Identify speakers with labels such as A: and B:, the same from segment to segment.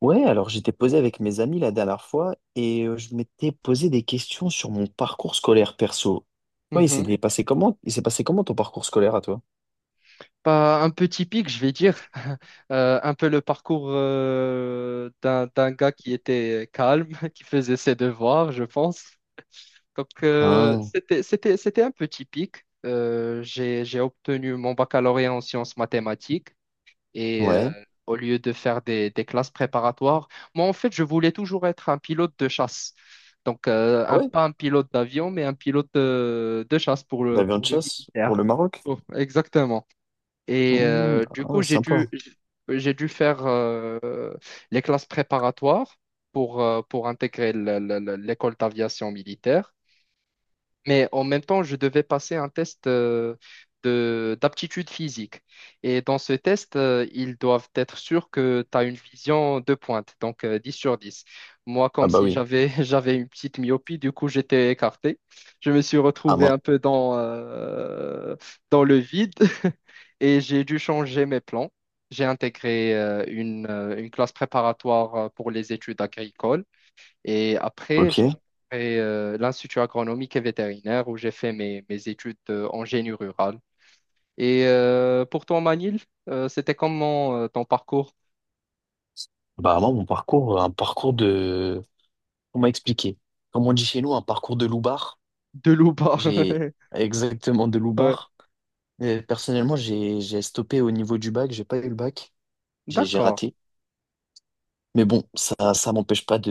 A: Ouais, alors j'étais posé avec mes amis la dernière fois et je m'étais posé des questions sur mon parcours scolaire perso. Ouais, il s'est
B: Mhm.
A: passé comment? Il s'est passé comment ton parcours scolaire à toi?
B: Bah, un peu typique, je vais dire. Un peu le parcours d'un gars qui était calme, qui faisait ses devoirs, je pense. Donc, euh,
A: Ah,
B: c'était, c'était, c'était un peu typique. J'ai obtenu mon baccalauréat en sciences mathématiques. Et
A: ouais.
B: au lieu de faire des classes préparatoires, moi, en fait, je voulais toujours être un pilote de chasse. Donc,
A: Ah
B: un,
A: ouais?
B: pas un pilote d'avion, mais un pilote de chasse pour
A: D'avion de
B: pour le
A: chasse pour
B: militaire.
A: le Maroc?
B: Oh, exactement. Et du
A: Ah
B: coup,
A: ouais, sympa.
B: j'ai dû faire les classes préparatoires pour intégrer l'école d'aviation militaire. Mais en même temps, je devais passer un test de d'aptitude physique. Et dans ce test, ils doivent être sûrs que tu as une vision de pointe, donc 10 sur 10. Moi,
A: Ah
B: comme
A: bah
B: si
A: oui.
B: j'avais j'avais une petite myopie, du coup, j'étais écarté. Je me suis
A: Ah
B: retrouvé
A: moi,
B: un peu dans, dans le vide et j'ai dû changer mes plans. J'ai intégré une classe préparatoire pour les études agricoles. Et après, j'ai
A: ok.
B: intégré l'Institut agronomique et vétérinaire où j'ai fait mes études en génie rural. Et pour toi, Manil, c'était comment ton parcours
A: Bah moi, mon parcours, un parcours de... On m'a expliqué. Comme on dit chez nous, un parcours de loubard.
B: de loup-bas?
A: J'ai exactement de
B: Ouais.
A: loubard. Personnellement, j'ai stoppé au niveau du bac, j'ai pas eu le bac, j'ai
B: D'accord.
A: raté. Mais bon, ça m'empêche pas de,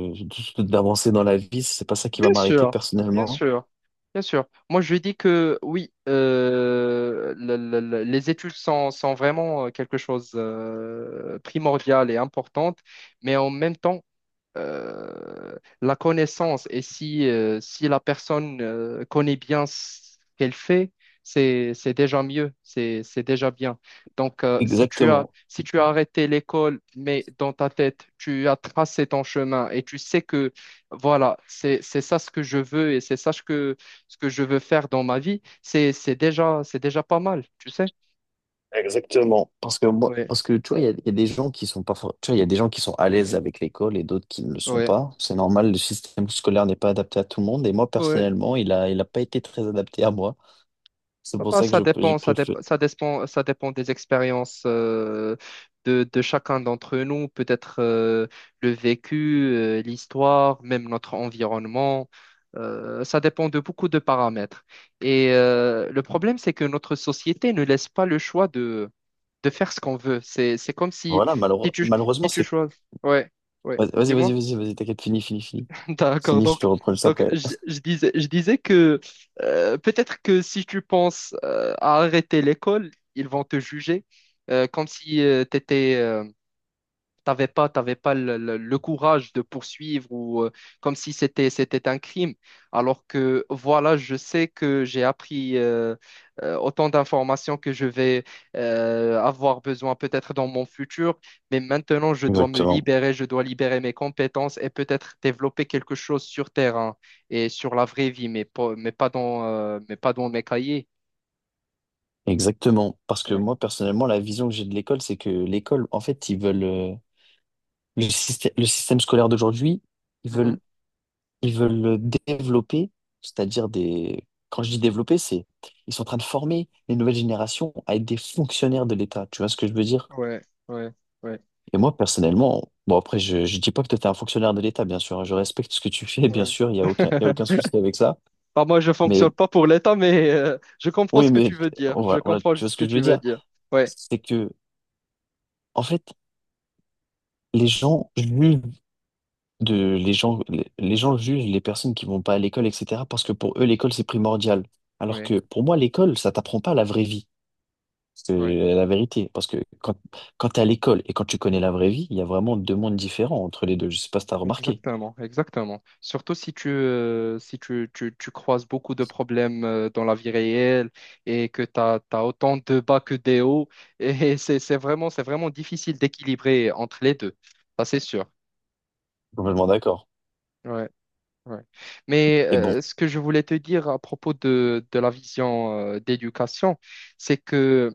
A: d'avancer dans la vie. C'est pas ça qui va
B: Bien
A: m'arrêter
B: sûr, bien
A: personnellement.
B: sûr, bien sûr. Moi, je dis que oui, les études sont, sont vraiment quelque chose primordial et importante, mais en même temps, euh, la connaissance et si, si la personne connaît bien ce qu'elle fait, c'est déjà mieux, c'est déjà bien. Donc, si tu as,
A: Exactement.
B: si tu as arrêté l'école, mais dans ta tête, tu as tracé ton chemin et tu sais que, voilà, c'est ça ce que je veux et c'est ça ce que je veux faire dans ma vie, c'est déjà pas mal, tu sais?
A: Exactement. Parce que moi,
B: Oui,
A: parce que tu vois, il y a des gens qui sont pas, tu vois, il y a des gens qui sont à l'aise avec l'école et d'autres qui ne le sont
B: oui,
A: pas. C'est normal, le système scolaire n'est pas adapté à tout le monde. Et moi,
B: oui.
A: personnellement, il a pas été très adapté à moi. C'est
B: Ah
A: pour
B: bah,
A: ça que je, j'ai préféré.
B: ça dépend des expériences de chacun d'entre nous, peut-être le vécu, l'histoire, même notre environnement. Ça dépend de beaucoup de paramètres. Et le problème, c'est que notre société ne laisse pas le choix de faire ce qu'on veut. C'est comme si,
A: Voilà,
B: si tu,
A: malheureusement,
B: si tu
A: c'est,
B: choisis. Ouais, ouais.
A: Vas-y, vas-y,
B: Dis-moi.
A: vas-y, vas-y, t'inquiète, fini, fini, fini.
B: D'accord.
A: Fini, je te
B: Donc,
A: reprends juste
B: donc
A: après.
B: je disais que peut-être que si tu penses à arrêter l'école, ils vont te juger comme si tu étais t'avais pas le courage de poursuivre ou comme si c'était un crime. Alors que voilà, je sais que j'ai appris autant d'informations que je vais avoir besoin peut-être dans mon futur, mais maintenant je dois me
A: Exactement.
B: libérer, je dois libérer mes compétences et peut-être développer quelque chose sur terrain et sur la vraie vie, mais pas, mais pas dans mes cahiers.
A: Exactement, parce que
B: Ouais.
A: moi personnellement, la vision que j'ai de l'école, c'est que l'école, en fait, ils veulent le système scolaire d'aujourd'hui, ils
B: Mhm.
A: veulent, ils veulent le développer, c'est-à-dire des. Quand je dis développer, c'est ils sont en train de former les nouvelles générations à être des fonctionnaires de l'État. Tu vois ce que je veux dire?
B: Ouais, ouais, ouais.
A: Et moi personnellement, bon après, je dis pas que tu es un fonctionnaire de l'État, bien sûr, hein, je respecte ce que tu fais, bien
B: Ouais.
A: sûr, il y a aucun, il y a aucun souci avec ça.
B: Bah, moi, je
A: Mais
B: fonctionne pas pour l'État, mais je comprends
A: oui,
B: ce que
A: mais
B: tu veux dire. Je
A: on
B: comprends
A: tu vois
B: ce
A: ce
B: que
A: que je
B: tu
A: veux
B: veux
A: dire?
B: dire. Ouais.
A: C'est que en fait, les gens jugent. De les gens les gens jugent les personnes qui vont pas à l'école etc parce que pour eux l'école c'est primordial alors
B: Oui,
A: que pour moi l'école ça t'apprend pas la vraie vie c'est
B: oui,
A: la vérité parce que quand t'es à l'école et quand tu connais la vraie vie il y a vraiment deux mondes différents entre les deux je sais pas si t'as remarqué
B: exactement, exactement. Surtout si tu, tu croises beaucoup de problèmes dans la vie réelle et que tu as, autant de bas que des hauts. Et c'est vraiment difficile d'équilibrer entre les deux. Ça, c'est sûr.
A: complètement d'accord
B: Ouais, ouais. Mais
A: et bon
B: ce que je voulais te dire à propos de la vision d'éducation, c'est que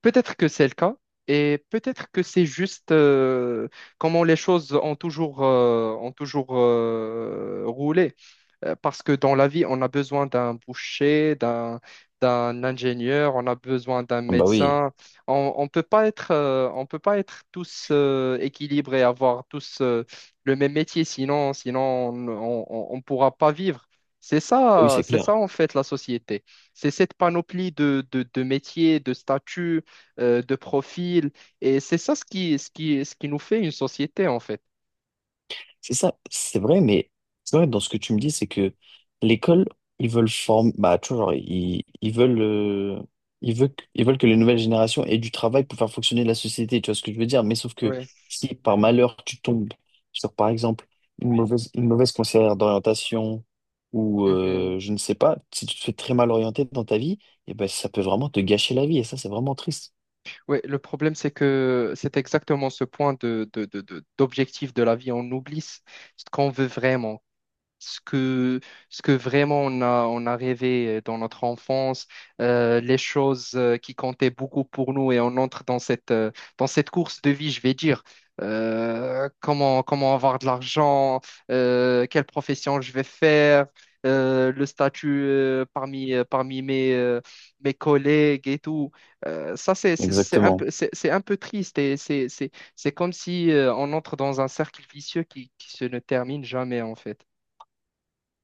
B: peut-être que c'est le cas et peut-être que c'est juste comment les choses ont toujours, roulé. Parce que dans la vie, on a besoin d'un boucher, d'un ingénieur, on a besoin d'un
A: ah bah oui.
B: médecin. On peut pas être, on peut pas être tous équilibrés, avoir tous le même métier, sinon on pourra pas vivre.
A: Ah oui c'est
B: C'est ça
A: clair.
B: en fait la société. C'est cette panoplie de métiers, de statuts de profil. Et c'est ça ce qui nous fait une société, en fait.
A: C'est ça, c'est vrai, mais c'est vrai dans ce que tu me dis, c'est que l'école, ils veulent former, bah, tu vois, genre, ils veulent, ils veulent, ils veulent que les nouvelles générations aient du travail pour faire fonctionner la société, tu vois ce que je veux dire? Mais sauf que
B: Oui.
A: si par malheur tu tombes sur, par exemple, une mauvaise conseillère d'orientation ou
B: Mhm.
A: je ne sais pas, si tu te fais très mal orienter dans ta vie, et ben, ça peut vraiment te gâcher la vie et ça, c'est vraiment triste.
B: Oui, le problème, c'est que c'est exactement ce point d'objectif de la vie. On oublie ce ce qu'on veut vraiment, ce que, ce que vraiment on a rêvé dans notre enfance, les choses qui comptaient beaucoup pour nous et on entre dans dans cette course de vie, je vais dire. Comment avoir de l'argent, quelle profession je vais faire, le statut parmi mes, mes collègues et tout. Ça, c'est un
A: Exactement.
B: peu, c'est un peu triste et c'est comme si on entre dans un cercle vicieux qui se ne termine jamais en fait.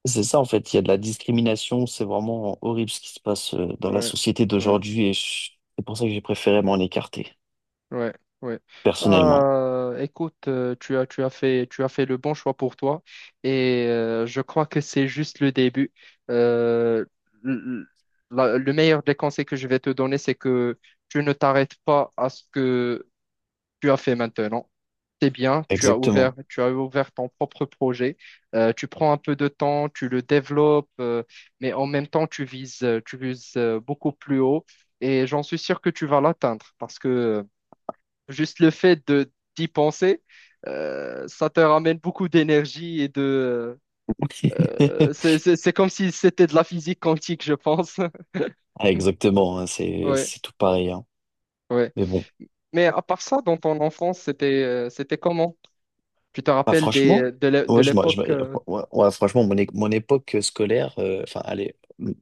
A: C'est ça, en fait, il y a de la discrimination, c'est vraiment horrible ce qui se passe dans la
B: Ouais,
A: société
B: ouais,
A: d'aujourd'hui et c'est pour ça que j'ai préféré m'en écarter,
B: ouais, ouais.
A: personnellement.
B: Bah, écoute, tu as fait le bon choix pour toi et je crois que c'est juste le début. Euh, l- le meilleur des conseils que je vais te donner, c'est que tu ne t'arrêtes pas à ce que tu as fait maintenant. C'est bien,
A: Exactement.
B: tu as ouvert ton propre projet. Tu prends un peu de temps, tu le développes, mais en même temps, tu vises beaucoup plus haut et j'en suis sûr que tu vas l'atteindre parce que juste le fait de d'y penser, ça te ramène beaucoup d'énergie et de... c'est comme si c'était de la physique quantique, je pense.
A: Ah, exactement, hein,
B: Ouais,
A: c'est tout pareil. Hein.
B: ouais.
A: Mais bon,
B: Mais à part ça, dans ton enfance, c'était comment? Tu te
A: ah,
B: rappelles
A: franchement,
B: des, de
A: ouais, je,
B: l'époque
A: ouais, ouais, franchement, mon, mon époque scolaire, enfin, allez,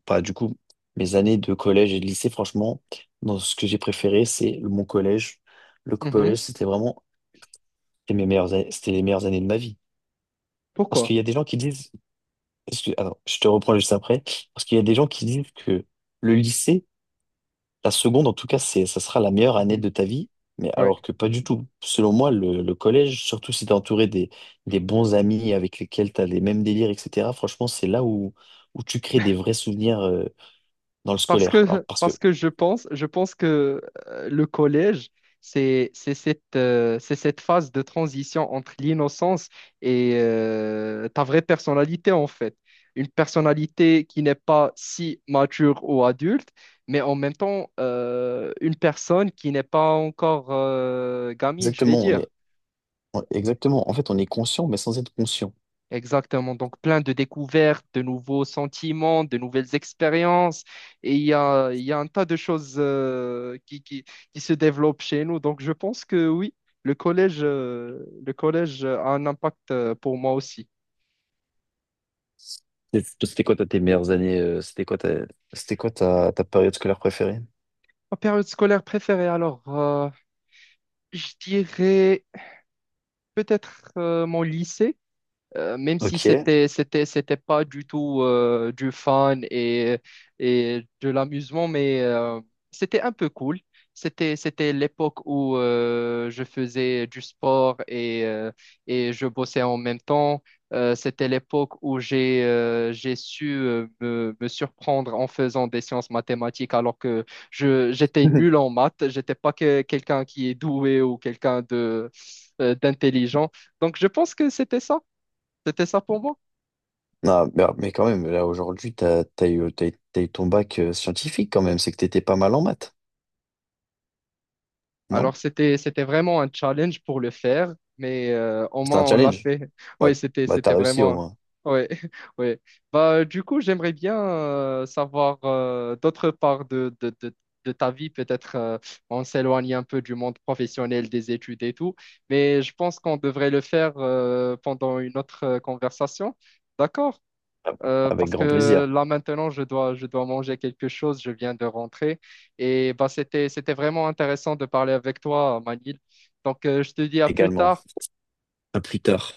A: pas du coup, mes années de collège et de lycée, franchement, dans ce que j'ai préféré, c'est mon collège. Le collège, c'était vraiment c'était mes meilleures, c'était les meilleures années de ma vie. Parce
B: Pourquoi?
A: qu'il y a des gens qui disent alors, je te reprends juste après, parce qu'il y a des gens qui disent que le lycée, la seconde en tout cas, c'est, ça sera la meilleure année
B: Mhm.
A: de ta vie, mais
B: Ouais.
A: alors que pas du tout. Selon moi, le collège, surtout si t'es entouré des bons amis avec lesquels t'as les mêmes délires, etc., franchement, c'est là où, où tu crées des vrais souvenirs dans le
B: Parce
A: scolaire. Alors,
B: que,
A: parce que,
B: parce que je pense, je pense que le collège, c'est cette phase de transition entre l'innocence et ta vraie personnalité, en fait. Une personnalité qui n'est pas si mature ou adulte, mais en même temps, une personne qui n'est pas encore gamine, je vais
A: exactement, on
B: dire.
A: est, exactement, en fait, on est conscient, mais sans être conscient.
B: Exactement. Donc, plein de découvertes, de nouveaux sentiments, de nouvelles expériences. Et il y a un tas de choses qui se développent chez nous. Donc, je pense que oui, le collège a un impact pour moi aussi.
A: Et toi, c'était quoi, toi, tes meilleures années, c'était quoi ta, ta période scolaire préférée?
B: Ma période scolaire préférée, alors, je dirais peut-être mon lycée. Même si
A: Ok.
B: c'était pas du tout du fun et de l'amusement mais c'était un peu cool, c'était l'époque où je faisais du sport et je bossais en même temps. C'était l'époque où j'ai su me surprendre en faisant des sciences mathématiques alors que je j'étais nul en maths, j'étais pas que- quelqu'un qui est doué ou quelqu'un de d'intelligent, donc je pense que c'était ça pour moi.
A: Ah, mais quand même, là aujourd'hui, t'as, t'as eu, t'as eu ton bac scientifique quand même, c'est que t'étais pas mal en maths, non?
B: Alors, c'était vraiment un challenge pour le faire, mais au
A: C'était un
B: moins, on l'a
A: challenge.
B: fait.
A: Bah,
B: Oui,
A: bah, t'as
B: c'était
A: réussi au
B: vraiment...
A: moins,
B: Oui, oui. Bah, du coup, j'aimerais bien savoir d'autre part de ta vie. Peut-être on s'éloigne un peu du monde professionnel, des études et tout, mais je pense qu'on devrait le faire pendant une autre conversation. D'accord?
A: ah bah, avec
B: Parce
A: grand
B: que
A: plaisir
B: là maintenant, je dois manger quelque chose, je viens de rentrer. Et bah, c'était vraiment intéressant de parler avec toi, Manil. Donc, je te dis à plus
A: également.
B: tard.
A: À plus tard.